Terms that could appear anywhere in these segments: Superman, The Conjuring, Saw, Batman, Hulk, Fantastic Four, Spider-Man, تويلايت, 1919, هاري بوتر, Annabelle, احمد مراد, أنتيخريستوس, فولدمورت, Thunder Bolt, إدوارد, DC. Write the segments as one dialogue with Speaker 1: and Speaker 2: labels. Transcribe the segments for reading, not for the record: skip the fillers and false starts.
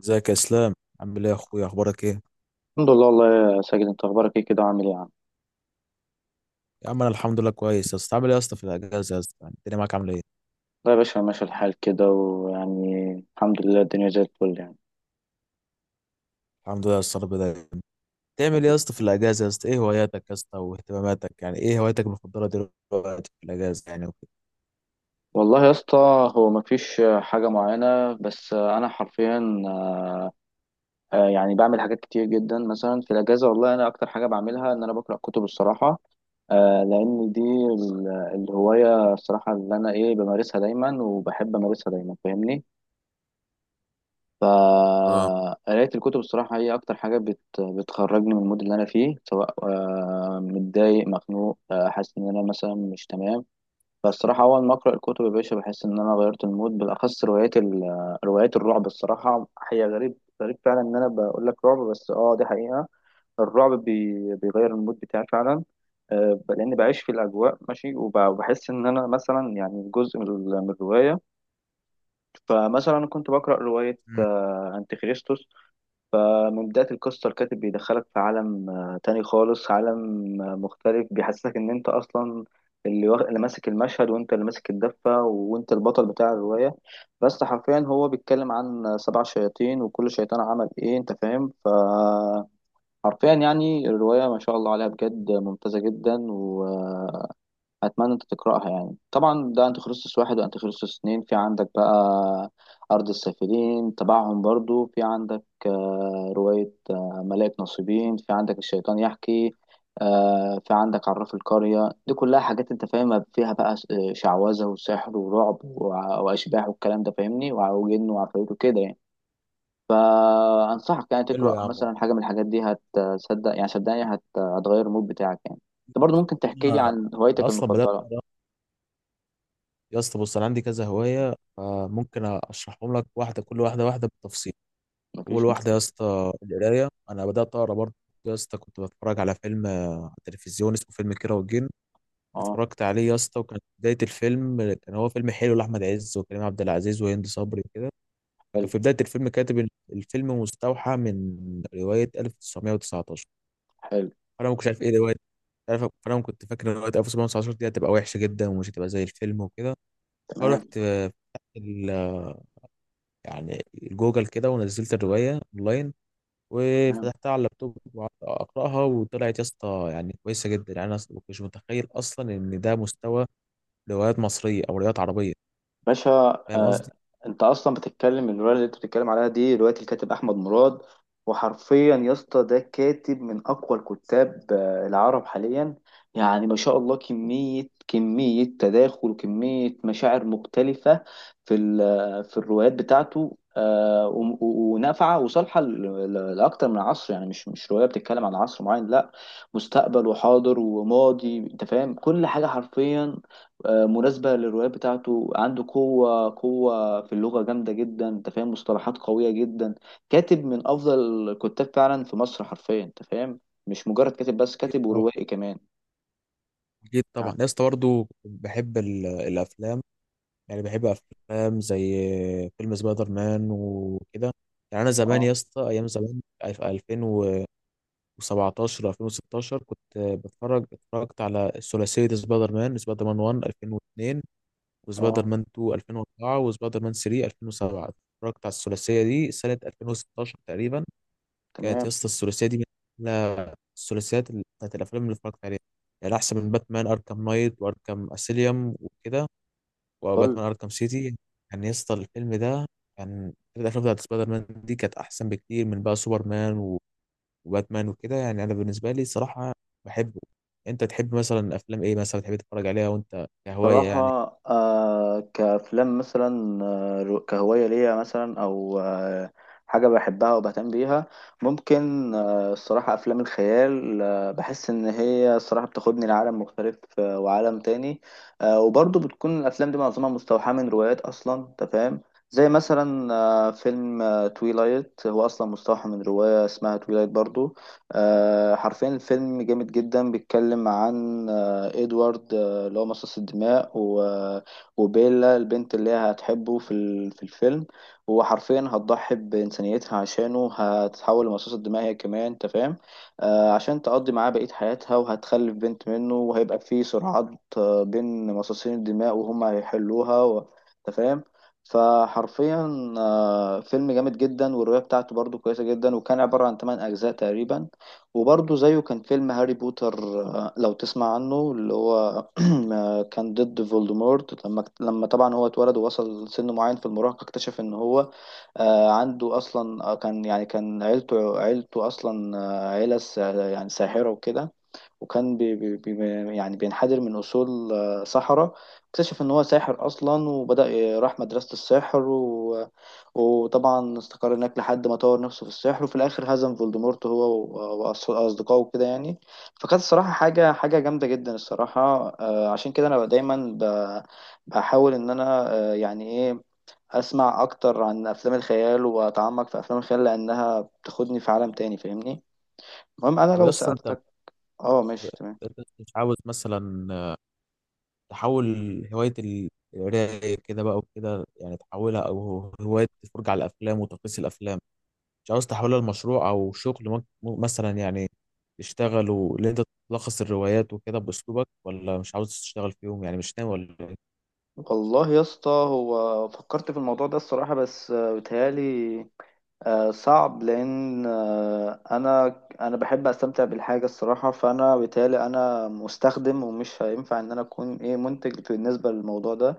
Speaker 1: ازيك يا اسلام؟ عامل ايه يا اخويا؟ اخبارك ايه؟
Speaker 2: الحمد لله، والله يا ساجد، انت اخبارك ايه كده وعامل ايه يا عم؟
Speaker 1: يا عم انا الحمد لله كويس يا اسطى. عامل ايه يا اسطى في الاجازه يا اسطى؟ يعني الدنيا معاك عامله ايه؟
Speaker 2: لا يا باشا، ماشي الحال كده ويعني الحمد لله الدنيا زي الفل يعني.
Speaker 1: الحمد لله يا اسطى، رب دايما. تعمل ايه يا اسطى في الاجازه يا اسطى؟ ايه هواياتك يا اسطى واهتماماتك؟ يعني ايه هواياتك المفضله دلوقتي في الاجازه يعني وكده؟
Speaker 2: والله يا اسطى، هو مفيش حاجة معينة، بس انا حرفيا يعني بعمل حاجات كتير جدا مثلا في الاجازة. والله انا اكتر حاجة بعملها ان انا بقرأ كتب الصراحة. لان دي الهواية الصراحة اللي انا ايه بمارسها دايما وبحب امارسها دايما فاهمني.
Speaker 1: اه.
Speaker 2: فقراية الكتب الصراحة هي أكتر حاجة بتخرجني من المود اللي أنا فيه، سواء متضايق مخنوق، حاسس إن أنا مثلا مش تمام. فالصراحة أول ما أقرأ الكتب يا باشا بحس إن أنا غيرت المود، بالأخص روايات ال... آه، روايات الرعب الصراحة. هي غريب، غريب فعلا إن أنا بقول لك رعب، بس أه دي حقيقة. الرعب بيغير المود بتاعي فعلا. لأني بعيش في الأجواء ماشي، وبحس إن أنا مثلا يعني جزء من من الرواية. فمثلا كنت بقرأ رواية
Speaker 1: مم.
Speaker 2: أنتيخريستوس. من بداية القصة الكاتب بيدخلك في عالم تاني خالص، عالم مختلف، بيحسسك إن أنت أصلا اللي ماسك المشهد، وأنت اللي ماسك الدفة، وأنت البطل بتاع الرواية. بس حرفيا هو بيتكلم عن سبع شياطين، وكل شيطان عمل إيه، أنت فاهم؟ فحرفيا يعني الرواية ما شاء الله عليها بجد ممتازة جدا، و آه، اتمنى انت تقراها. يعني طبعا ده انتيخريستوس واحد، وانتيخريستوس اتنين في عندك بقى، ارض السافلين تبعهم برضو في عندك، رواية ملاك نصيبين في عندك، الشيطان يحكي، في عندك عراف القرية. دي كلها حاجات انت فاهمها فيها بقى، شعوذة وسحر ورعب واشباح والكلام ده فاهمني، وجن وعفاريت وكده يعني. فانصحك يعني
Speaker 1: حلو
Speaker 2: تقرا
Speaker 1: يا عم.
Speaker 2: مثلا حاجة من الحاجات دي، هتصدق يعني، صدقني هتغير المود بتاعك يعني. انت برضو ممكن تحكي لي
Speaker 1: انا
Speaker 2: عن
Speaker 1: أنا
Speaker 2: هوايتك
Speaker 1: اصلا بدات
Speaker 2: المفضلة؟
Speaker 1: يا اسطى. بص انا عندي كذا هوايه فممكن اشرحهم لك كل واحده واحده بالتفصيل. اول
Speaker 2: مفيش
Speaker 1: واحده يا
Speaker 2: مشكلة.
Speaker 1: اسطى القرايه. انا بدات اقرا برضه يا اسطى. كنت بتفرج على فيلم على التلفزيون اسمه فيلم كيرة والجن.
Speaker 2: اه.
Speaker 1: اتفرجت عليه يا اسطى، وكان في بدايه الفيلم كان هو فيلم حلو لاحمد عز وكريم عبد العزيز وهند صبري وكده. فكان
Speaker 2: حلو.
Speaker 1: في بدايه الفيلم كاتب إن الفيلم مستوحى من روايه 1919.
Speaker 2: حلو.
Speaker 1: فانا ما كنتش عارف ايه روايه فانا كنت فاكر ان روايه 1919 دي هتبقى وحشه جدا ومش هتبقى زي الفيلم وكده.
Speaker 2: تمام.
Speaker 1: فرحت ال... يعني جوجل كده، ونزلت الروايه اونلاين
Speaker 2: تمام.
Speaker 1: وفتحتها على اللابتوب وقعدت اقراها، وطلعت يا اسطى يعني كويسه جدا. يعني انا ما كنتش متخيل اصلا ان ده مستوى روايات مصريه او روايات عربيه.
Speaker 2: باشا.
Speaker 1: فاهم
Speaker 2: آه،
Speaker 1: قصدي؟
Speaker 2: انت اصلا بتتكلم، الروايه اللي انت بتتكلم عليها دي روايه الكاتب احمد مراد. وحرفيا يا اسطى ده كاتب من اقوى الكتاب العرب حاليا. يعني ما شاء الله، كميه كميه تداخل وكميه مشاعر مختلفه في في الروايات بتاعته، ونافعه وصالحه لاكتر من عصر. يعني مش روايه بتتكلم عن عصر معين، لا، مستقبل وحاضر وماضي، انت فاهم كل حاجه حرفيا. مناسبة للروايات بتاعته. عنده قوة في اللغة جامدة جدا، انت فاهم، مصطلحات قوية جدا. كاتب من أفضل الكتاب فعلا في مصر حرفيا انت فاهم، مش مجرد كاتب بس،
Speaker 1: أكيد
Speaker 2: كاتب
Speaker 1: طبعا.
Speaker 2: وروائي كمان.
Speaker 1: أكيد
Speaker 2: يعني
Speaker 1: طبعا يا اسطى. برضه بحب الأفلام. يعني بحب أفلام زي فيلم سبايدر مان وكده. يعني أنا زمان
Speaker 2: اه،
Speaker 1: يا اسطى أيام زمان، في 2017 2016 كنت بتفرج اتفرجت على ثلاثية سبايدر مان، سبايدر مان 1 2002 وسبايدر
Speaker 2: اه،
Speaker 1: مان 2 2004 وسبايدر مان 3 2007. اتفرجت على الثلاثية دي سنة 2016 تقريبا. كانت يا
Speaker 2: تمام،
Speaker 1: اسطى الثلاثيه دي من أحلى الثلاثيات بتاعت الافلام اللي اتفرجت عليها. يعني احسن من باتمان اركام نايت واركام اسيليوم وكده،
Speaker 2: قول.
Speaker 1: وباتمان اركام سيتي. يعني يا اسطى الفيلم ده، كان الافلام بتاعت سبايدر مان دي كانت احسن بكتير من بقى سوبرمان وباتمان وكده. يعني انا بالنسبه لي صراحه بحبه. انت تحب مثلا افلام ايه مثلا تحب تتفرج عليها وانت كهوايه
Speaker 2: صراحة
Speaker 1: يعني؟
Speaker 2: كأفلام مثلا، كهواية ليا مثلا، أو حاجة بحبها وبهتم بيها. ممكن الصراحة أفلام الخيال، بحس إن هي الصراحة بتاخدني لعالم مختلف، وعالم تاني. وبرضه بتكون الأفلام دي معظمها مستوحاة من روايات أصلا، أنت فاهم. زي مثلا فيلم تويلايت، هو أصلا مستوحى من رواية اسمها تويلايت برضو. حرفيا الفيلم جامد جدا، بيتكلم عن إدوارد اللي هو مصاص الدماء وبيلا البنت اللي هي هتحبه في في الفيلم. هو حرفيا هتضحي بإنسانيتها عشانه، هتتحول لمصاص الدماء هي كمان، انت فاهم، عشان تقضي معاه بقية حياتها، وهتخلف بنت منه، وهيبقى في صراعات بين مصاصين الدماء، وهم هيحلوها انت فاهم. فحرفيا فيلم جامد جدا، والرواية بتاعته برضو كويسة جدا، وكان عبارة عن 8 أجزاء تقريبا. وبرضه زيه كان فيلم هاري بوتر، لو تسمع عنه، اللي هو كان ضد فولدمورت. لما طبعا هو اتولد ووصل سن معين في المراهقة، اكتشف ان هو عنده اصلا، كان عيلته اصلا عيلة يعني ساحرة وكده. وكان بي بي بي يعني بينحدر من اصول سحرة. اكتشف ان هو ساحر اصلا، وبدأ راح مدرسة السحر، وطبعا استقر هناك لحد ما طور نفسه في السحر، وفي الآخر هزم فولدمورت هو وأصدقائه كده يعني. فكانت الصراحة حاجة جامدة جدا الصراحة. عشان كده أنا دايما بحاول إن أنا يعني إيه، أسمع أكتر عن أفلام الخيال، وأتعمق في أفلام الخيال لأنها بتاخدني في عالم تاني فاهمني. المهم أنا
Speaker 1: طب يا
Speaker 2: لو
Speaker 1: اسطى انت
Speaker 2: سألتك. اه، ماشي، تمام.
Speaker 1: أنت مش عاوز مثلا تحول هواية القراية كده بقى وكده، يعني تحولها، أو هواية الفرجة على الأفلام وتقييس الأفلام، مش عاوز تحولها لمشروع أو شغل ممكن مثلا يعني تشتغل؟ واللي أنت تلخص الروايات وكده بأسلوبك، ولا مش عاوز تشتغل فيهم يعني مش ناوي ولا إيه؟
Speaker 2: والله يا اسطى، هو فكرت في الموضوع ده الصراحة، بس بيتهيألي صعب، لان انا بحب استمتع بالحاجه الصراحه، فانا بالتالي انا مستخدم، ومش هينفع ان انا اكون ايه منتج بالنسبه للموضوع ده.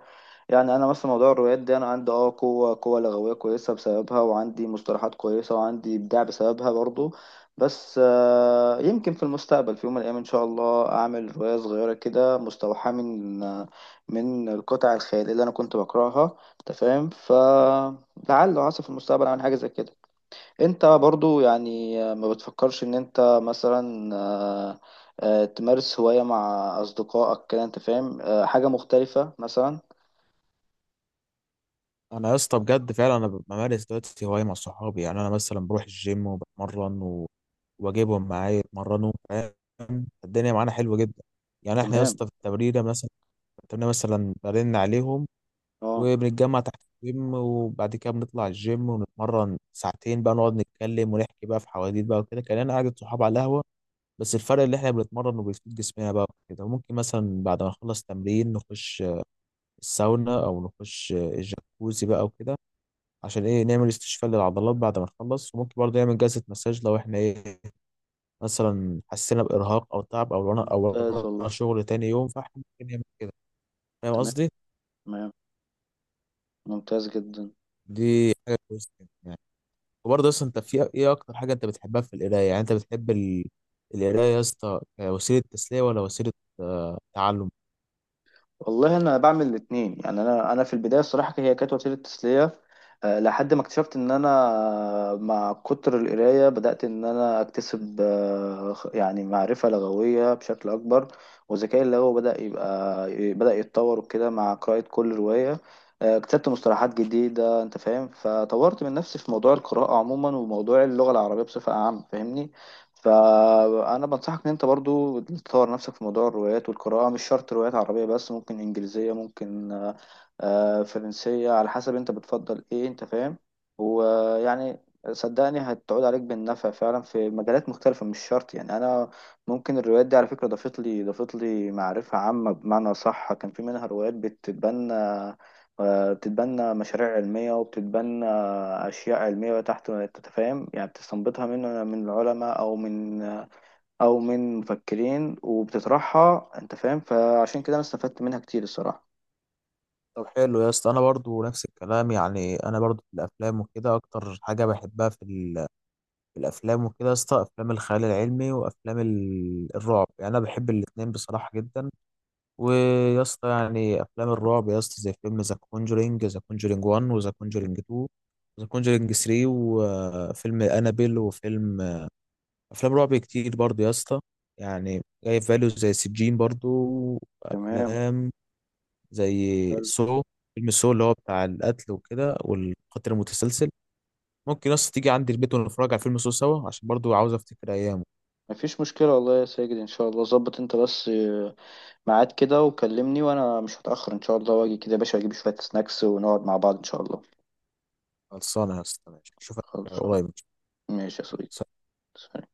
Speaker 2: يعني انا مثلا موضوع الروايات ده، انا عندي قوه لغويه كويسه بسببها، وعندي مصطلحات كويسه، وعندي ابداع بسببها برضو. بس يمكن في المستقبل في يوم من الايام ان شاء الله اعمل روايه صغيره كده مستوحاه من من القطع الخياليه اللي انا كنت بقراها، انت فاهم، فلعل وعسى في المستقبل اعمل حاجه زي كده. انت برضو يعني ما بتفكرش ان انت مثلا تمارس هواية مع اصدقائك كده انت فاهم، حاجة مختلفة مثلا؟
Speaker 1: أنا يا اسطى بجد فعلا أنا بمارس دلوقتي هواية مع صحابي. يعني أنا مثلا بروح الجيم وبتمرن واجيبهم معايا يتمرنوا، فاهم؟ الدنيا معانا حلوه جدا. يعني احنا يا
Speaker 2: تمام.
Speaker 1: اسطى في التمرينه مثلا، برن عليهم
Speaker 2: اه.
Speaker 1: وبنتجمع تحت الجيم، وبعد كده بنطلع الجيم ونتمرن ساعتين بقى، نقعد نتكلم ونحكي بقى في حواديت بقى وكده كأننا قعدة صحاب على القهوة. بس الفرق اللي احنا بنتمرن وبنفيد جسمنا بقى وكده. ممكن مثلا بعد ما نخلص تمرين نخش الساونا او نخش الجاكوزي بقى وكده، عشان ايه؟ نعمل استشفاء للعضلات بعد ما نخلص. وممكن برضه نعمل جلسة مساج لو احنا ايه، مثلا حسينا بإرهاق او تعب او
Speaker 2: ممتاز
Speaker 1: ورانا
Speaker 2: والله.
Speaker 1: شغل تاني يوم، فاحنا ممكن نعمل كده. فاهم
Speaker 2: تمام.
Speaker 1: قصدي؟
Speaker 2: تمام. ممتاز جدا.
Speaker 1: دي حاجة كويسة. وبرضه اصلا انت في ايه اكتر حاجه انت بتحبها في القرايه؟ يعني انت بتحب القرايه يا اسطى كوسيله تسليه، ولا وسيله تعلم؟
Speaker 2: والله انا بعمل الاثنين. يعني انا في البدايه الصراحه هي كانت وسيله تسليه، لحد ما اكتشفت ان انا مع كتر القرايه بدات ان انا اكتسب يعني معرفه لغويه بشكل اكبر، وذكائي اللغوي بدا يتطور وكده. مع قراءه كل روايه اكتسبت مصطلحات جديده، انت فاهم، فطورت من نفسي في موضوع القراءه عموما، وموضوع اللغه العربيه بصفه عامه، فاهمني. فانا بنصحك ان انت برضو تطور نفسك في موضوع الروايات والقراءه، مش شرط روايات عربيه بس، ممكن انجليزيه، ممكن فرنسيه، على حسب انت بتفضل ايه، انت فاهم. ويعني صدقني هتعود عليك بالنفع فعلا في مجالات مختلفه، مش شرط يعني انا ممكن. الروايات دي على فكره ضافت لي معرفه عامه، بمعنى صح كان في منها روايات بتتبنى مشاريع علميه، وبتتبنى اشياء علميه تحت انت فاهم، يعني بتستنبطها من العلماء، او من، او من مفكرين، وبتطرحها انت فاهم، فعشان كده انا استفدت منها كتير الصراحه.
Speaker 1: طب حلو يا اسطى. انا برضه نفس الكلام. يعني انا برضه في الافلام وكده، اكتر حاجه بحبها في الافلام وكده يا اسطى افلام الخيال العلمي وافلام الرعب. يعني انا بحب الاتنين بصراحه جدا. ويا اسطى يعني افلام الرعب يا اسطى، زي فيلم ذا كونجرينج 1 وذا كونجرينج 2 ذا كونجرينج 3 وفيلم انابيل، افلام رعب كتير برضو يا اسطى. يعني جاي في فاليو زي سجين برضو،
Speaker 2: تمام.
Speaker 1: افلام زي
Speaker 2: حلو.
Speaker 1: سو، فيلم سو اللي هو بتاع القتل وكده والقتل المتسلسل. ممكن يا اسطى تيجي عندي البيت ونتفرج على فيلم سو سوا، عشان برضو عاوز افتكر ايامه.
Speaker 2: مفيش مشكله والله يا ساجد، ان شاء الله ظبط انت بس ميعاد كده وكلمني، وانا مش هتاخر ان شاء الله، واجي كده يا باشا، اجيب شويه سناكس، ونقعد مع بعض ان شاء الله.
Speaker 1: خلصانه يا اسطى. ماشي، اشوفك
Speaker 2: خلصان.
Speaker 1: قريب.
Speaker 2: ماشي يا صديقي. سلام.